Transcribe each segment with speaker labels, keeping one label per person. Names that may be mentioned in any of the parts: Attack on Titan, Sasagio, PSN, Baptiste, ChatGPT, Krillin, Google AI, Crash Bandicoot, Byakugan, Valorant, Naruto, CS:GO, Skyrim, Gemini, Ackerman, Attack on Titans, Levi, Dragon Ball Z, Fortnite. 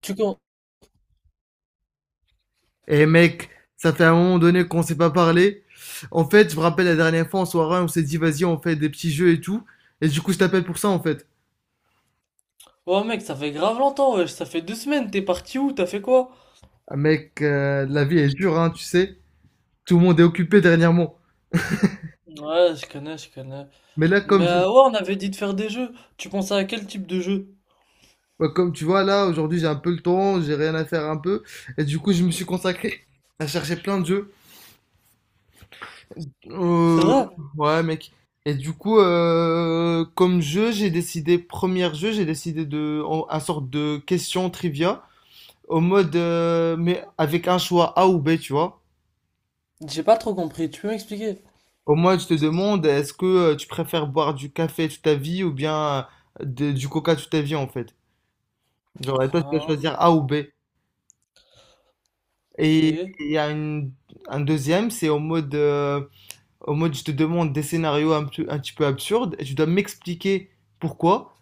Speaker 1: Tu con...
Speaker 2: Eh mec, ça fait un moment donné qu'on s'est pas parlé. En fait, je me rappelle la dernière fois en soirée, on s'est dit vas-y, on fait des petits jeux et tout. Et du coup, je t'appelle pour ça en fait.
Speaker 1: Ouais mec, ça fait grave longtemps, wesh. Ça fait 2 semaines, t'es parti où? T'as fait quoi?
Speaker 2: Ah, mec, la vie est dure, hein, tu sais. Tout le monde est occupé dernièrement.
Speaker 1: Ouais, je connais, je connais.
Speaker 2: Mais là,
Speaker 1: Mais
Speaker 2: comme,
Speaker 1: ouais, on avait dit de faire des jeux. Tu pensais à quel type de jeu?
Speaker 2: bah, comme tu vois, là, aujourd'hui, j'ai un peu le temps, j'ai rien à faire un peu. Et du coup, je me suis consacré à chercher plein de jeux.
Speaker 1: C'est
Speaker 2: Euh,
Speaker 1: vrai?
Speaker 2: ouais, mec. Et du coup, comme jeu, j'ai décidé, premier jeu, j'ai décidé de, un sorte de question trivia. Au mode, mais avec un choix A ou B, tu vois.
Speaker 1: J'ai pas trop compris, tu peux m'expliquer?
Speaker 2: Au moins, tu te demandes, est-ce que tu préfères boire du café toute ta vie ou bien du coca toute ta vie, en fait. Genre, et toi, tu dois
Speaker 1: Ah,
Speaker 2: choisir A ou B.
Speaker 1: ok.
Speaker 2: Et il y a une- Un deuxième, c'est au mode, au mode, je te demande des scénarios un petit peu absurdes et tu dois m'expliquer pourquoi.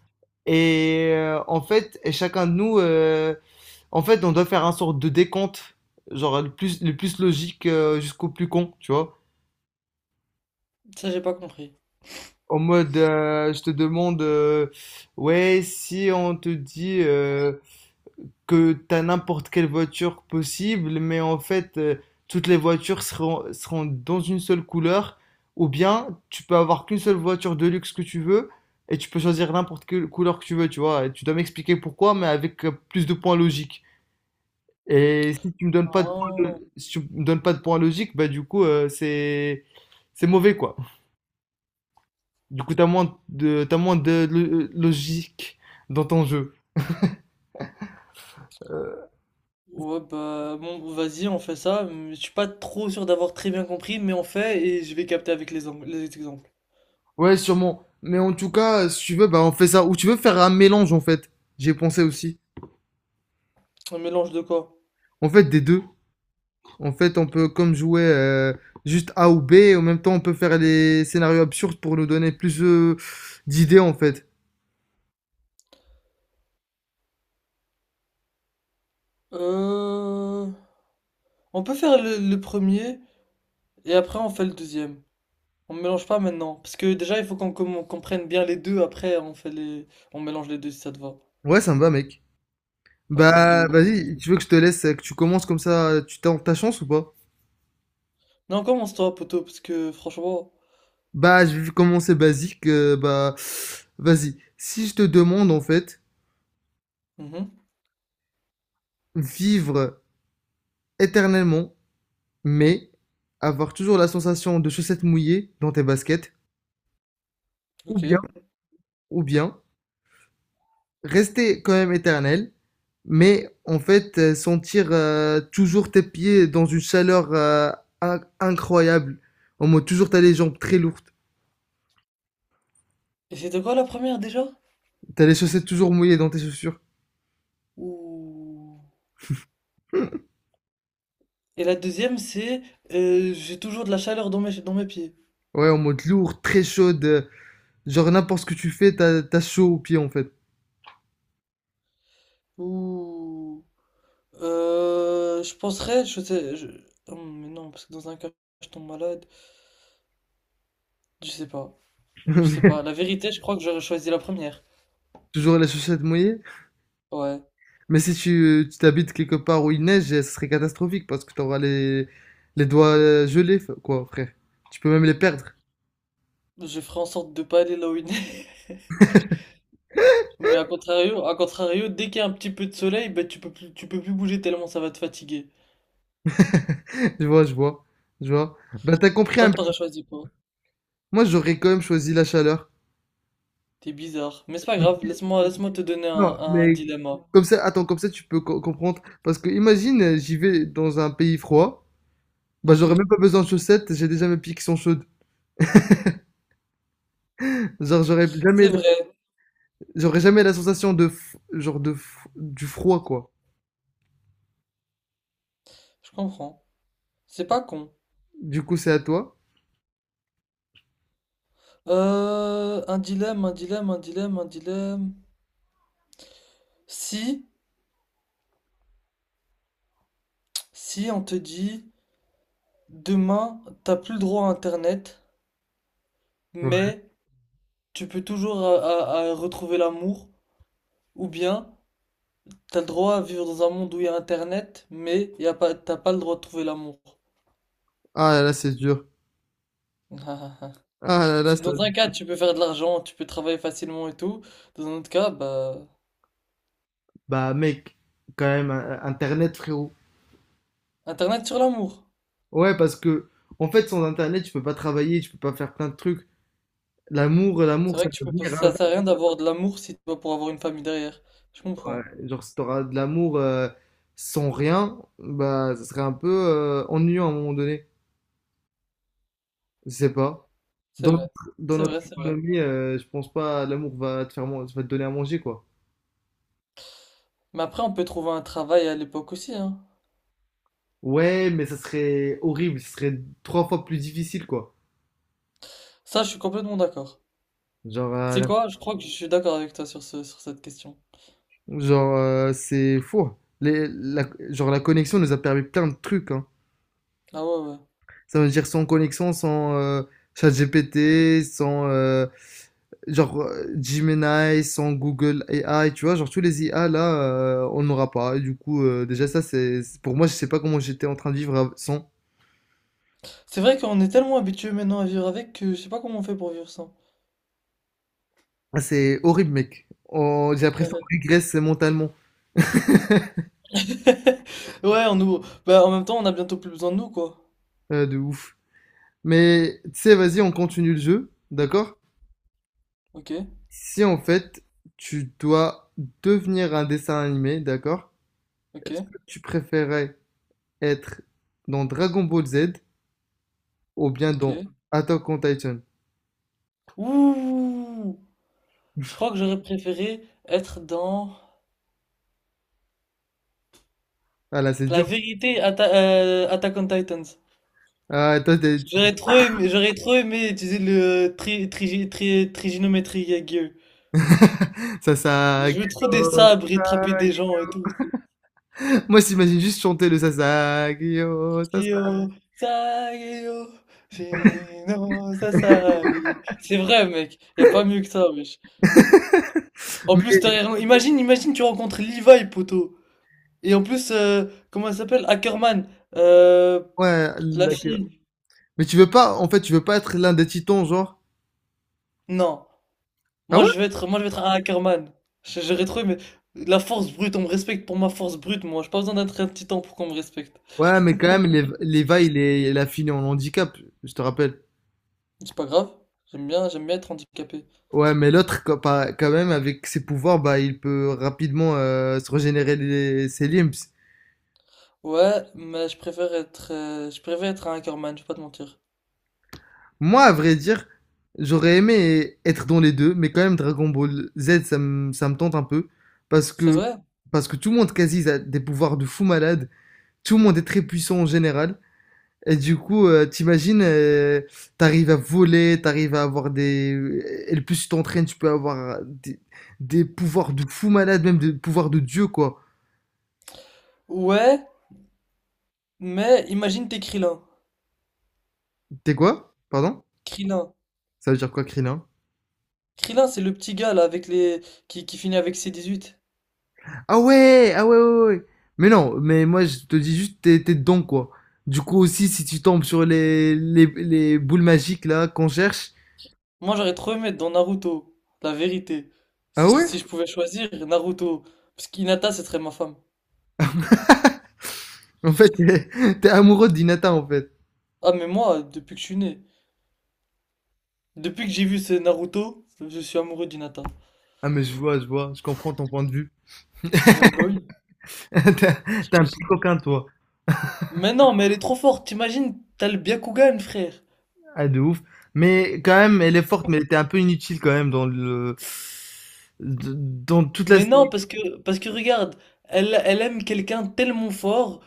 Speaker 2: Et en fait, et chacun de nous, en fait, on doit faire un sorte de décompte, genre le plus logique jusqu'au plus con, tu vois.
Speaker 1: Ça, j'ai pas compris.
Speaker 2: En mode, je te demande, ouais, si on te dit que t'as n'importe quelle voiture possible, mais en fait, toutes les voitures seront dans une seule couleur, ou bien tu peux avoir qu'une seule voiture de luxe que tu veux, et tu peux choisir n'importe quelle couleur que tu veux, tu vois. Et tu dois m'expliquer pourquoi, mais avec plus de points logiques. Et si tu me donnes pas de points,
Speaker 1: Ah,
Speaker 2: si tu me donnes pas de points logiques, bah du coup, c'est mauvais, quoi. Du coup, t'as moins de logique dans ton jeu. Euh,
Speaker 1: ouais, bah, bon, vas-y, on fait ça. Mais je suis pas trop sûr d'avoir très bien compris, mais on fait et je vais capter avec les, les exemples.
Speaker 2: ouais, sûrement. Mais en tout cas, si tu veux, bah, on fait ça. Ou tu veux faire un mélange, en fait. J'ai pensé aussi.
Speaker 1: Un mélange de quoi?
Speaker 2: En fait, des deux. En fait, on peut comme jouer juste A ou B. Et en même temps, on peut faire les scénarios absurdes pour nous donner plus d'idées, en fait.
Speaker 1: Euh... On peut faire le premier et après on fait le deuxième. On mélange pas maintenant. Parce que déjà, il faut qu'on prenne bien les deux. Après, on fait les... on mélange les deux si ça te va.
Speaker 2: Ouais, ça me va, mec.
Speaker 1: Vas-y,
Speaker 2: Bah,
Speaker 1: go, on fait ça.
Speaker 2: vas-y, tu veux que je te laisse, que tu commences comme ça, tu tentes ta chance ou pas?
Speaker 1: Non, commence toi, poteau, parce que franchement.
Speaker 2: Bah, je vais commencer basique. Bah, vas-y. Si je te demande, en fait,
Speaker 1: Mhm,
Speaker 2: vivre éternellement, mais avoir toujours la sensation de chaussettes mouillées dans tes baskets, ou
Speaker 1: ok.
Speaker 2: bien, ou bien rester quand même éternel, mais en fait sentir toujours tes pieds dans une chaleur incroyable, en mode toujours t'as les jambes très lourdes,
Speaker 1: Et c'était quoi la première déjà?
Speaker 2: t'as les chaussettes toujours mouillées dans tes chaussures.
Speaker 1: Ouh.
Speaker 2: Hmm.
Speaker 1: Et la deuxième, c'est j'ai toujours de la chaleur dans mes pieds.
Speaker 2: Ouais, en mode lourd, très chaude, genre n'importe ce que tu fais, t'as chaud aux pieds en fait.
Speaker 1: Ouh. Je penserais, mais non, parce que dans un cas, je tombe malade. Je sais pas. Je sais pas. La vérité, je crois que j'aurais choisi la première.
Speaker 2: Toujours les chaussettes mouillées.
Speaker 1: Ouais.
Speaker 2: Mais si tu t'habites quelque part où il neige, ce serait catastrophique parce que tu auras les doigts gelés, quoi, frère. Tu peux même les perdre.
Speaker 1: Je ferai en sorte de pas aller là où il neige. Mais à contrario, dès qu'il y a un petit peu de soleil, bah, tu peux plus bouger tellement ça va te fatiguer.
Speaker 2: Je vois, je vois, je vois. Ben, t'as compris
Speaker 1: Toi,
Speaker 2: un peu.
Speaker 1: t'aurais choisi quoi?
Speaker 2: Moi, j'aurais quand même choisi la chaleur.
Speaker 1: T'es bizarre. Mais c'est pas grave, laisse-moi, laisse-moi te donner
Speaker 2: Non,
Speaker 1: un
Speaker 2: mais
Speaker 1: dilemme.
Speaker 2: comme ça, attends, comme ça, tu peux comprendre. Parce que imagine, j'y vais dans un pays froid. Bah,
Speaker 1: Ok?
Speaker 2: j'aurais même pas besoin de chaussettes, j'ai déjà mes pieds qui sont chaudes. Genre, j'aurais jamais,
Speaker 1: C'est vrai,
Speaker 2: J'aurais jamais la sensation genre du froid, quoi.
Speaker 1: je comprends. C'est pas con.
Speaker 2: Du coup, c'est à toi.
Speaker 1: Un dilemme, un dilemme, un dilemme, un dilemme. Si, si on te dit, demain, t'as plus le droit à Internet,
Speaker 2: Ouais.
Speaker 1: mais tu peux toujours à retrouver l'amour, ou bien t'as le droit à vivre dans un monde où il y a Internet, mais y a pas, t'as pas le droit de trouver l'amour.
Speaker 2: Ah, là, c'est dur.
Speaker 1: Parce
Speaker 2: Ah là là,
Speaker 1: que
Speaker 2: ça...
Speaker 1: dans un cas, tu peux faire de l'argent, tu peux travailler facilement et tout. Dans un autre cas, bah,
Speaker 2: Bah mec, quand même, Internet frérot.
Speaker 1: Internet sur l'amour.
Speaker 2: Ouais, parce que, en fait, sans Internet, tu peux pas travailler, tu peux pas faire plein de trucs.
Speaker 1: C'est
Speaker 2: L'amour,
Speaker 1: vrai
Speaker 2: ça
Speaker 1: que tu
Speaker 2: peut
Speaker 1: peux pas,
Speaker 2: venir
Speaker 1: ça
Speaker 2: avec.
Speaker 1: sert à rien d'avoir de l'amour si tu vas pour avoir une famille derrière. Je
Speaker 2: Ouais.
Speaker 1: comprends.
Speaker 2: Genre, si t'auras de l'amour sans rien, bah ça serait un peu ennuyant à un moment donné. Je sais pas.
Speaker 1: C'est vrai.
Speaker 2: Dans
Speaker 1: C'est
Speaker 2: notre
Speaker 1: vrai, c'est vrai.
Speaker 2: économie, je pense pas l'amour va te va te donner à manger, quoi.
Speaker 1: Mais après, on peut trouver un travail à l'époque aussi, hein.
Speaker 2: Ouais, mais ça serait horrible, ce serait trois fois plus difficile, quoi.
Speaker 1: Ça, je suis complètement d'accord.
Speaker 2: Genre,
Speaker 1: Tu
Speaker 2: euh,
Speaker 1: sais quoi? Je crois que je suis d'accord avec toi sur ce, sur cette question.
Speaker 2: Genre, c'est fou. Genre, la connexion nous a permis plein de trucs, hein.
Speaker 1: Ah ouais, ouais.
Speaker 2: Ça veut dire sans connexion, sans ChatGPT, sans Gemini, sans Google AI, tu vois, genre tous les IA là, on n'aura pas. Et du coup, déjà ça, pour moi, je sais pas comment j'étais en train de vivre sans.
Speaker 1: C'est vrai qu'on est tellement habitué maintenant à vivre avec que je sais pas comment on fait pour vivre ça.
Speaker 2: Ah, c'est horrible, mec. J'ai l'impression qu'on régresse mentalement,
Speaker 1: Ouais, on nous. Bah, en même temps, on a bientôt plus besoin de nous, quoi.
Speaker 2: de ouf. Mais tu sais, vas-y, on continue le jeu, d'accord?
Speaker 1: Ok,
Speaker 2: Si en fait tu dois devenir un dessin animé, d'accord?
Speaker 1: ok,
Speaker 2: Tu préférais être dans Dragon Ball Z ou bien dans
Speaker 1: ok.
Speaker 2: Attack on Titan?
Speaker 1: Ouh! Je crois que j'aurais préféré être dans
Speaker 2: Ah là, c'est
Speaker 1: la
Speaker 2: dur.
Speaker 1: vérité Attack on Titans.
Speaker 2: Ah,
Speaker 1: J'aurais trop aimé utiliser le triginométrie Yagyu.
Speaker 2: Ça, ça.
Speaker 1: Je veux trop des sabres et attraper des gens et tout.
Speaker 2: Moi, j'imagine juste chanter le Sasagio, Sasa.
Speaker 1: Yo, sageyo, shino sasageyo. C'est vrai, mec. Y a pas mieux que ça, wesh. En plus, t'as
Speaker 2: Mais
Speaker 1: rien- imagine, imagine, tu rencontres Levi, poteau. Et en plus, comment elle s'appelle? Ackerman. Euh,
Speaker 2: ouais,
Speaker 1: la
Speaker 2: la-
Speaker 1: fille.
Speaker 2: mais tu veux pas, en fait, tu veux pas être l'un des titans, genre.
Speaker 1: Non.
Speaker 2: Ah ouais?
Speaker 1: Moi, je vais être un Ackerman. J'aurais trouvé, mais la force brute, on me respecte pour ma force brute, moi. J'ai pas besoin d'être un titan pour qu'on me respecte.
Speaker 2: Ouais, mais quand même, Leva, il a fini en handicap, je te rappelle.
Speaker 1: C'est pas grave. J'aime bien être handicapé.
Speaker 2: Ouais, mais l'autre, quand pas- quand même, avec ses pouvoirs, bah, il peut rapidement se régénérer ses limbs.
Speaker 1: Ouais, mais je préfère être un Ackerman, je vais pas te mentir.
Speaker 2: Moi, à vrai dire, j'aurais aimé être dans les deux, mais quand même, Dragon Ball Z, ça me tente un peu. Parce
Speaker 1: C'est
Speaker 2: que,
Speaker 1: vrai?
Speaker 2: Parce que tout le monde, quasi, a des pouvoirs de fou malade. Tout le monde est très puissant en général. Et du coup, t'arrives à voler, t'arrives à avoir des... Et le plus tu t'entraînes, tu peux avoir des pouvoirs de fou malade, même des pouvoirs de dieu, quoi.
Speaker 1: Ouais, mais imagine t'es Krillin.
Speaker 2: T'es quoi? Pardon?
Speaker 1: Krillin.
Speaker 2: Ça veut dire quoi, Krillin?
Speaker 1: Krillin, c'est le petit gars, là, avec les, qui finit avec C8.
Speaker 2: Ah ouais. Ah ouais, ouais, ouais. Mais non, mais moi, je te dis juste, t'es dedans, quoi. Du coup, aussi, si tu tombes sur les boules magiques, là, qu'on cherche...
Speaker 1: Moi, j'aurais trop aimé être dans Naruto, la vérité.
Speaker 2: Ah
Speaker 1: Si,
Speaker 2: ouais.
Speaker 1: si je pouvais choisir Naruto, parce qu'Hinata, ce serait ma femme.
Speaker 2: En fait, t'es amoureux d'Inata, en fait.
Speaker 1: Ah, mais moi, depuis que je suis né, depuis que j'ai vu ce Naruto, je suis amoureux d'Hinata.
Speaker 2: Ah, mais je vois. Je comprends ton point de vue.
Speaker 1: Bah oui,
Speaker 2: T'es un
Speaker 1: t'imagines.
Speaker 2: petit coquin, toi.
Speaker 1: Mais non, mais elle est trop forte, t'imagines, t'as le Byakugan, frère.
Speaker 2: Ah, de ouf. Mais quand même, elle est forte, mais elle était un peu inutile, quand même, dans le... Dans toute la...
Speaker 1: Mais non, oui. Parce que, parce que regarde, elle, elle aime quelqu'un tellement fort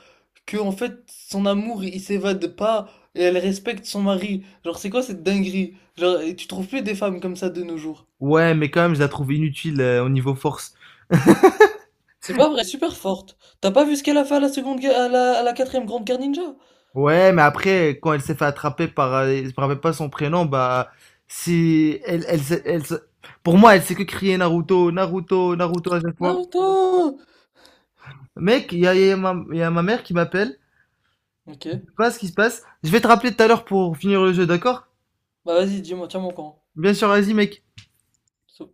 Speaker 1: que, en fait, son amour, il s'évade pas et elle respecte son mari. Genre, c'est quoi cette dinguerie? Genre, et tu trouves plus des femmes comme ça de nos jours.
Speaker 2: Ouais, mais quand même, je la trouve inutile au niveau force.
Speaker 1: C'est pas vrai, super forte. T'as pas vu ce qu'elle a fait à la seconde guerre, à la quatrième grande guerre ninja?
Speaker 2: Ouais, mais après, quand elle s'est fait attraper par, je me rappelle pas son prénom, bah, si, elle, elle, s'est- elle, se- pour moi, elle sait que crier Naruto, Naruto, Naruto à chaque fois.
Speaker 1: Naruto!
Speaker 2: Mec, il y a ma mère qui m'appelle.
Speaker 1: Ok.
Speaker 2: Je sais pas ce qui se passe. Je vais te rappeler tout à l'heure pour finir le jeu, d'accord?
Speaker 1: Bah vas-y, dis-moi, tiens mon camp.
Speaker 2: Bien sûr, vas-y, mec.
Speaker 1: So,